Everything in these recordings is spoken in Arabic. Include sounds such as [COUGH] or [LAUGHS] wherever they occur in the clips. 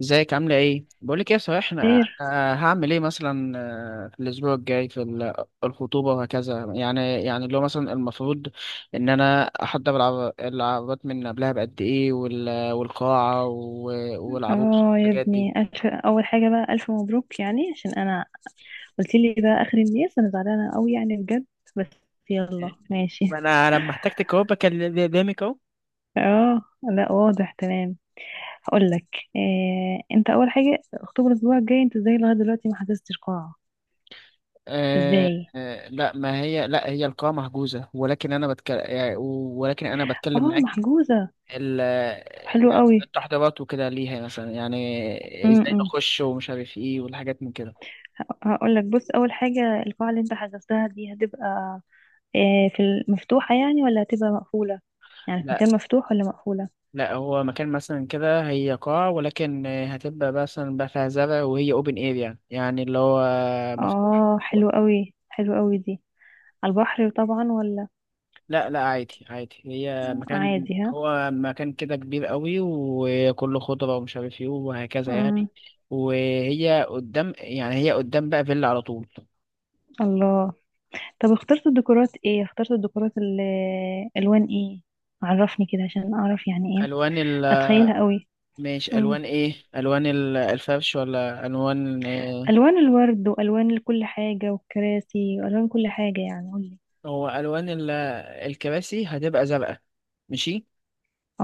ازيك عاملة ايه؟ بقولك ايه، صحيح، خير. أنا هعمل ايه مثلا. في الاسبوع الجاي في الخطوبة وهكذا، يعني اللي هو مثلا المفروض ان انا احضر العربات من قبلها بقد ايه والقاعة والعروس اه يا والحاجات دي. ابني ألف، اول حاجه بقى الف مبروك، يعني عشان انا قلت لي ده اخر الناس، انا زعلانه قوي يعني بجد. بس يلا ما ماشي. انا لما احتجتك اهو بكلم قدامك اهو. [LAUGHS] اه لا واضح تمام. هقول لك إيه، انت اول حاجه اكتوبر الاسبوع الجاي، انت ازاي لغايه دلوقتي ما حجزتش قاعه؟ آه ازاي؟ آه لا، ما هي، لا هي القاعة محجوزة، ولكن انا بتكلم، ولكن انا بتكلم اه معاكي محجوزه؟ ال طب حلو يعني قوي. التحضيرات وكده، ليها مثلا يعني ازاي امم نخش ومش عارف ايه والحاجات من كده. هقول لك، بص اول حاجه، القاعه اللي انت حجزتها دي هتبقى إيه؟ في المفتوحه يعني ولا هتبقى مقفوله؟ يعني في لا، مكان مفتوح ولا مقفوله؟ لا، هو مكان مثلا كده، هي قاعة ولكن هتبقى مثلا بقى فيها زرع، وهي اوبن اير يعني، يعني اللي هو مفتوح. اه حلو قوي، حلو قوي دي. على البحر طبعا ولا لا لا، عادي عادي، هي مكان، عادي؟ ها. هو مكان كده كبير قوي وكله خضرة ومش عارف ايه وهكذا يعني. مم. وهي قدام، يعني هي قدام بقى فيلا على طول. الله. طب اخترت الديكورات ايه؟ اخترت الديكورات الوان ايه؟ عرفني كده عشان اعرف يعني ايه، الوان، اتخيلها قوي. ماشي، مم. الوان ايه؟ الوان الفرش ولا الوان؟ الوان الورد والوان كل حاجه والكراسي والوان كل حاجه، يعني قولي. هو الوان الكراسي هتبقى زرقاء. ماشي.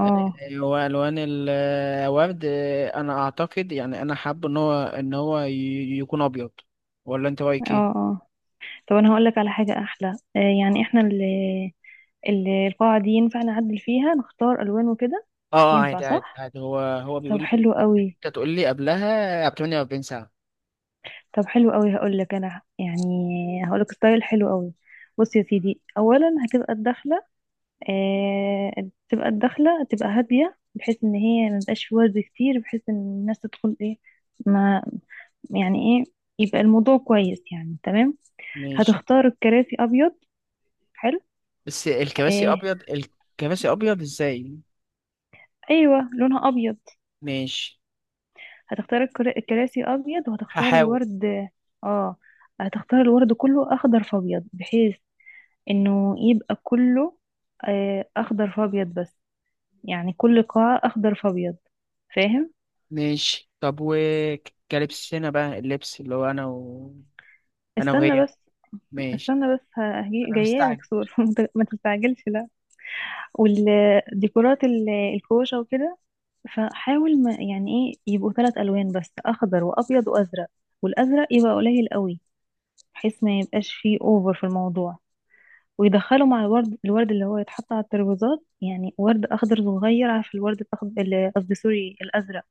آه، هو الوان الورد، انا اعتقد، يعني انا حابب ان هو يكون ابيض. ولا انت رايك اه ايه؟ اه طب انا هقول لك على حاجه احلى. آه، يعني اه، احنا القاعه دي ينفع نعدل فيها نختار الوان وكده؟ ينفع عادي عادي صح؟ عادي، هو بيقول طب لي حلو قوي. انت تقول لي قبلها ب 48 ساعه. طب حلو قوي، هقول لك انا يعني، هقول لك ستايل حلو قوي. بص يا سيدي، اولا هتبقى الدخله، آه، تبقى الدخله تبقى هاديه، بحيث ان هي ما تبقاش في ورد كتير، بحيث ان الناس تدخل ايه، ما يعني ايه، يبقى الموضوع كويس يعني تمام. ماشي. هتختار الكراسي ابيض. حلو. بس الكراسي آه. ابيض؟ الكراسي ابيض ازاي؟ ايوه لونها ابيض. ماشي. هتختار الكراسي ابيض وهتختار هحاول. الورد. اه، هتختار الورد كله اخضر فابيض، بحيث انه يبقى كله آه، اخضر فابيض بس، يعني كل قاعة اخضر فابيض، فاهم؟ ماشي، طب وكلبسنا بقى، اللبس اللي هو انا و... انا استنى وهي. بس، ماشي. استنى بس، انا جايه لك مستعجل. صور. [LAUGHS] ما تستعجلش لا. والديكورات الكوشة وكده، فحاول ما يعني ايه، يبقوا ثلاث الوان بس، اخضر وابيض وازرق، والازرق يبقى قليل قوي، بحيث ما يبقاش فيه اوفر في الموضوع، ويدخلوا مع الورد، الورد اللي هو يتحط على الترابيزات، يعني ورد اخضر صغير، عارف الورد الاخضر، قصدي سوري، الازرق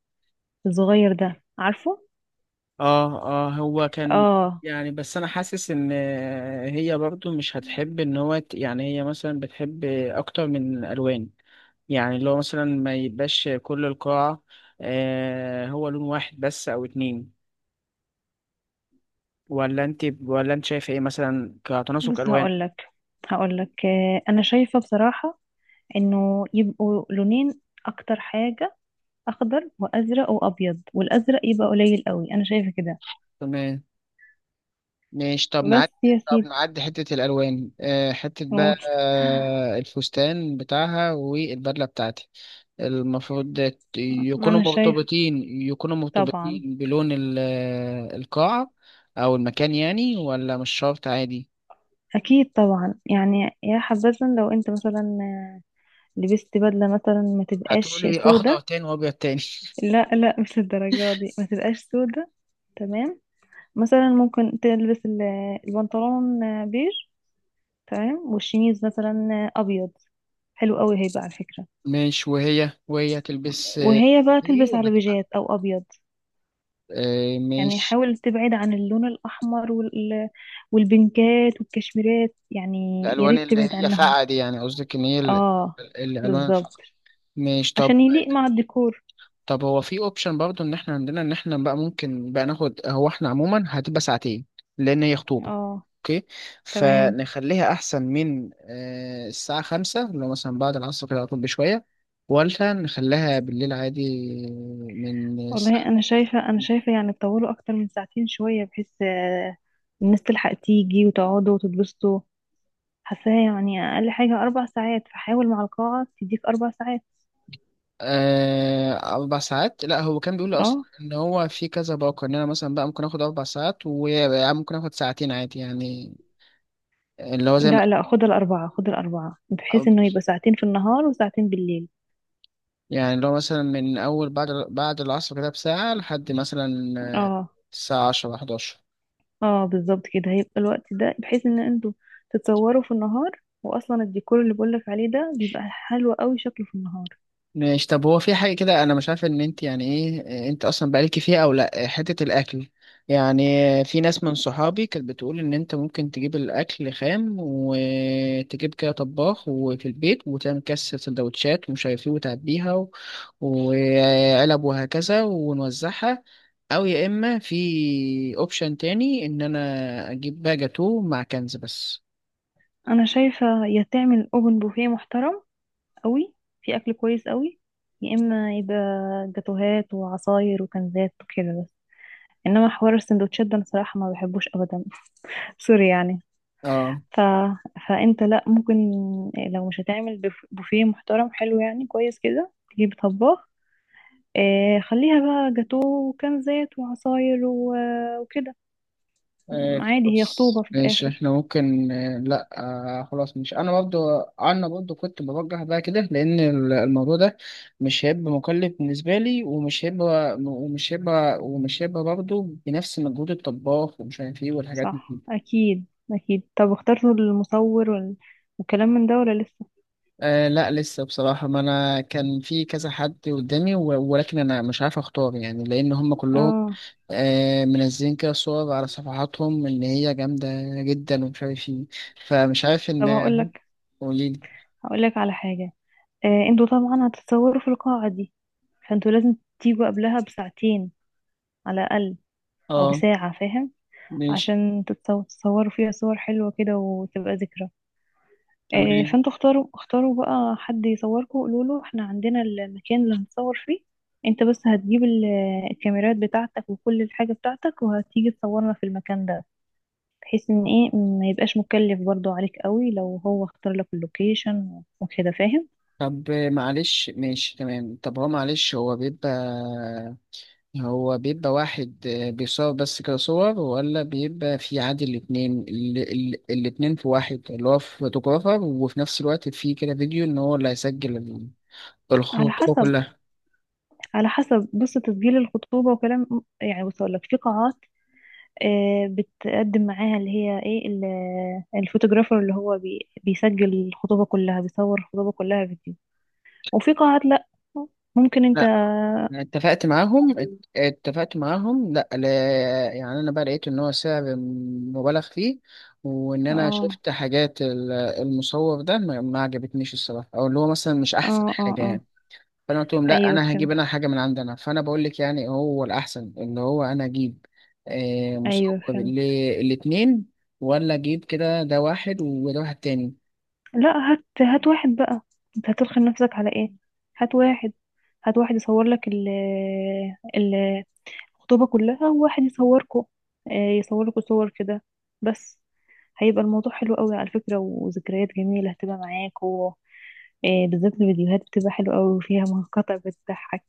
الصغير ده عارفه. اه. اه هو كان اه يعني. بس انا حاسس ان هي برضو مش هتحب ان هو يعني هي مثلا بتحب اكتر من الوان، يعني اللي هو مثلا ما يبقاش كل القاعة هو لون واحد بس او اتنين. ولا انت، ولا انت شايف ايه مثلا كتناسق بص الوان؟ هقولك، هقولك آه، انا شايفة بصراحة انه يبقوا لونين اكتر حاجة، اخضر وازرق وابيض، والازرق يبقى قليل قوي، انا شايفة كده. تمام. ماشي، طب بس نعدي، يا طب سيدي، نعدي حتة الألوان، حتة بقى، قول. الفستان بتاعها والبدلة بتاعتي، المفروض يكونوا انا شايف مرتبطين، يكونوا طبعا، مرتبطين بلون القاعة أو المكان يعني، ولا مش شرط عادي؟ اكيد طبعا يعني، يا حبذا لو انت مثلا لبست بدلة مثلا ما تبقاش هتقولي أخضر سودة. تاني وأبيض تاني؟ لا لا، مش الدرجة دي، ما تبقاش سودة، تمام. مثلا ممكن تلبس البنطلون بيج، تمام، والشميز مثلا ابيض، حلو قوي هيبقى على فكرة. [LAUGHS] ماشي. وهي تلبس وهي بقى دي، تلبس ولا على تبقى بيجات او ابيض. يعني ماشي. حاول تبعد عن اللون الاحمر والبنكات والكشميرات يعني، يا الألوان ريت اللي تبعد هي عنهم. فاقعة دي، يعني قصدك إن هي اه، الألوان الفاقعة. بالظبط، ماشي، طب. عشان يليق مع الديكور. طب هو في اوبشن برضو ان احنا عندنا، ان احنا بقى ممكن بقى ناخد، هو احنا عموما هتبقى ساعتين لان هي خطوبة. اه اوكي. تمام. فنخليها احسن من الساعة 5، لو مثلا بعد العصر كده على طول بشوية، ولا نخليها بالليل عادي، من والله الساعة- انا شايفة، انا شايفة يعني تطولوا اكتر من ساعتين شوية، بحيث آه، الناس تلحق تيجي وتقعدوا وتتبسطوا، حاساها يعني اقل حاجة اربع ساعات، فحاول مع القاعة تديك اربع ساعات. 4 ساعات. لا هو كان بيقول لي أصلا اه إن هو في كذا باقة، إن أنا مثلا بقى ممكن آخد 4 ساعات، وممكن آخد ساعتين عادي يعني، اللي هو زي لا لا، خد الأربعة، خد الأربعة، بحيث ما إنه يبقى ساعتين في النهار وساعتين بالليل. يعني، لو مثلا من أول بعد العصر كده بساعة لحد مثلا آه، اه الساعة 10 11. اه بالظبط، كده هيبقى الوقت ده، بحيث إن انتوا تتصوروا في النهار، وأصلا الديكور اللي بقولك عليه ده بيبقى حلو قوي شكله في النهار. ماشي، طب هو في حاجة كده، أنا مش عارف إن أنت يعني إيه أنت أصلا بقالك فيها أو لأ، حتة الأكل يعني. في ناس من صحابي كانت بتقول إن أنت ممكن تجيب الأكل خام وتجيب كده طباخ وفي البيت وتعمل كاس سندوتشات ومش عارف إيه وتعبيها و... وعلب وهكذا ونوزعها. أو يا إما في أوبشن تاني إن أنا أجيب بقى جاتوه مع كنز بس. أنا شايفة يا تعمل أوبن بوفيه محترم قوي، في أكل كويس قوي، يا إما يبقى جاتوهات وعصاير وكنزات وكده بس، إنما حوار السندوتشات ده أنا صراحة ما بحبوش أبدا. [LAUGHS] سوري يعني. اه. ف... فانت لا، ممكن لو مش هتعمل بوفيه محترم حلو يعني كويس كده، تجيب طباخ. آه، خليها بقى جاتو وكنزات وعصاير وكده ايه عادي، هي خطوبة خلاص في ماشي، الآخر. احنا ممكن، لا، خلاص. مش انا برضو، انا برضو كنت بوجه بقى كده، لان الموضوع ده مش هيبقى مكلف بالنسبه لي، ومش هيبقى برضو بنفس مجهود الطباخ ومش عارف ايه والحاجات صح دي. أكيد، أكيد. طب اخترتوا المصور والكلام من ده ولا لسه؟ لا لسه بصراحة، ما أنا كان في كذا حد قدامي ولكن أنا مش عارف أختار، يعني لأن هم كلهم اه منزلين كده صور على صفحاتهم إن هي جامدة جدا ومش عارف إيه، فمش عارف إن طب [LAUGHS] هم. هقولك، قوليلي. هقولك على حاجة، آه انتوا طبعا هتتصوروا في القاعة دي، فانتوا لازم تيجوا قبلها بساعتين على الأقل، أو آه بساعة فاهم؟ ماشي عشان تتصوروا فيها صور حلوة كده وتبقى ذكرى. آه، تمام. فانتوا اختاروا، اختاروا بقى حد يصوركم، قولوا له احنا عندنا المكان اللي هنصور فيه، انت بس هتجيب الكاميرات بتاعتك وكل الحاجة بتاعتك وهتيجي تصورنا في المكان ده، بحيث ان ايه ما يبقاش مكلف برضو عليك قوي، لو هو اختار لك اللوكيشن وكده فاهم. طب معلش، ماشي تمام. طب هو معلش، هو بيبقى واحد بيصور بس كده صور، ولا بيبقى في عادي الاتنين، الاتنين في واحد، اللي هو فوتوغرافر وفي نفس الوقت في كده فيديو، ان هو اللي هيسجل على الخطوة حسب، كلها. على حسب. بص تسجيل الخطوبة وكلام، يعني بص اقول لك، في قاعات آه، بتقدم معاها اللي هي ايه الفوتوغرافر اللي هو بيسجل الخطوبة كلها، بيصور الخطوبة كلها فيديو، وفي قاعات لا، ممكن انت. لا أنا اتفقت معاهم، اتفقت معاهم، لا لا. يعني انا بقى لقيت ان هو سعر مبالغ فيه، وان انا اه شفت حاجات المصور ده ما عجبتنيش الصراحة، او اللي هو مثلا مش احسن حاجة اه، يعني. فانا قلت لهم لا، ايوه انا هجيب فهمت، انا حاجه من عندنا. فانا بقول لك يعني هو الاحسن اللي هو انا اجيب ايوه مسكر فهمت. للاتنين، ولا اجيب كده ده واحد وده واحد تاني. لا هات، هات واحد بقى، انت هترخي نفسك على ايه؟ هات واحد، هات واحد يصور لك ال- الخطوبة كلها، وواحد يصوركوا آه، يصور لكوا صور كده بس، هيبقى الموضوع حلو قوي على فكرة، وذكريات جميلة هتبقى معاك، إيه بالذات الفيديوهات بتبقى حلوة أوي وفيها مقاطع بتضحك.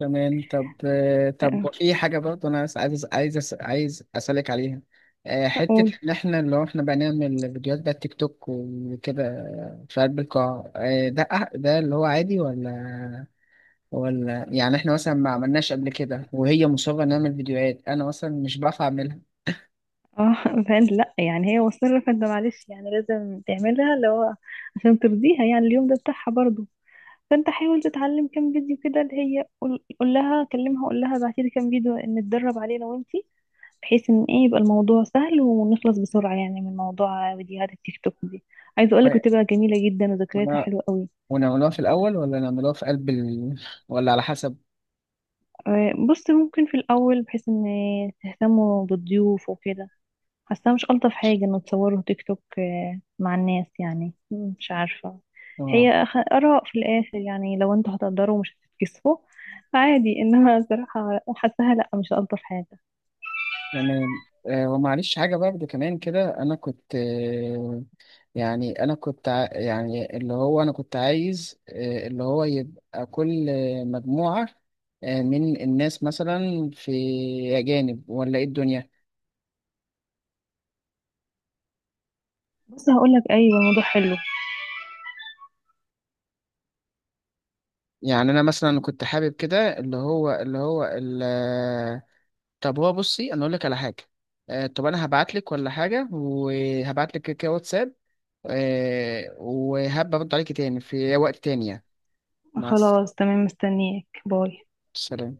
تمام. طب طب آه، في حاجه برضه انا عايز اسالك عليها. حته فأقول ان احنا، لو احنا بقى نعمل فيديوهات بقى تيك توك وكده في قلب القاعه، ده ده اللي هو عادي، ولا يعني احنا مثلا ما عملناش قبل كده وهي مصره نعمل فيديوهات، انا مثلا مش بعرف اعملها. اه، فانت لا يعني هي مصرة، فانت معلش يعني لازم تعملها، اللي هو عشان ترضيها، يعني اليوم ده بتاعها برضه، فانت حاول تتعلم كام فيديو كده، اللي هي قول، قول لها كلمها قول لها بعتي لي كام فيديو نتدرب عليه انا وانتي، بحيث ان ايه يبقى الموضوع سهل ونخلص بسرعة يعني من موضوع فيديوهات التيك توك دي، عايزة اقولك بتبقى جميلة جدا وذكرياتها ولا حلوة قوي. ونعملوها في الأول، ولا نعملوها في قلب ال...، ولا على حسب؟ آه، بص ممكن في الاول، بحيث ان تهتموا بالضيوف وكده، حاسة مش ألطف حاجة إنه تصوره تيك توك آه، مع الناس يعني، مم، مش عارفة، اه هي آراء في الآخر يعني، لو انتوا هتقدروا مش هتتكسفوا عادي، إنما صراحة حاساها لأ مش ألطف حاجة. يعني. ومعلش حاجة برضه كمان كده، أنا كنت يعني أنا كنت يعني اللي هو أنا كنت عايز اللي هو يبقى كل مجموعة من الناس مثلا في، أجانب ولا إيه الدنيا. بس هقولك أيوة الموضوع حلو. يعني أنا مثلا كنت حابب كده، اللي هو، اللي هو ال...، طب هو بصي، أنا أقول لك على حاجة. طب أنا هبعت لك ولا حاجة، وهبعت لك كده واتساب، وهبقى ارد عليكي تاني في وقت تاني يعني. مع خلاص تمام، مستنياك، باي. السلامة.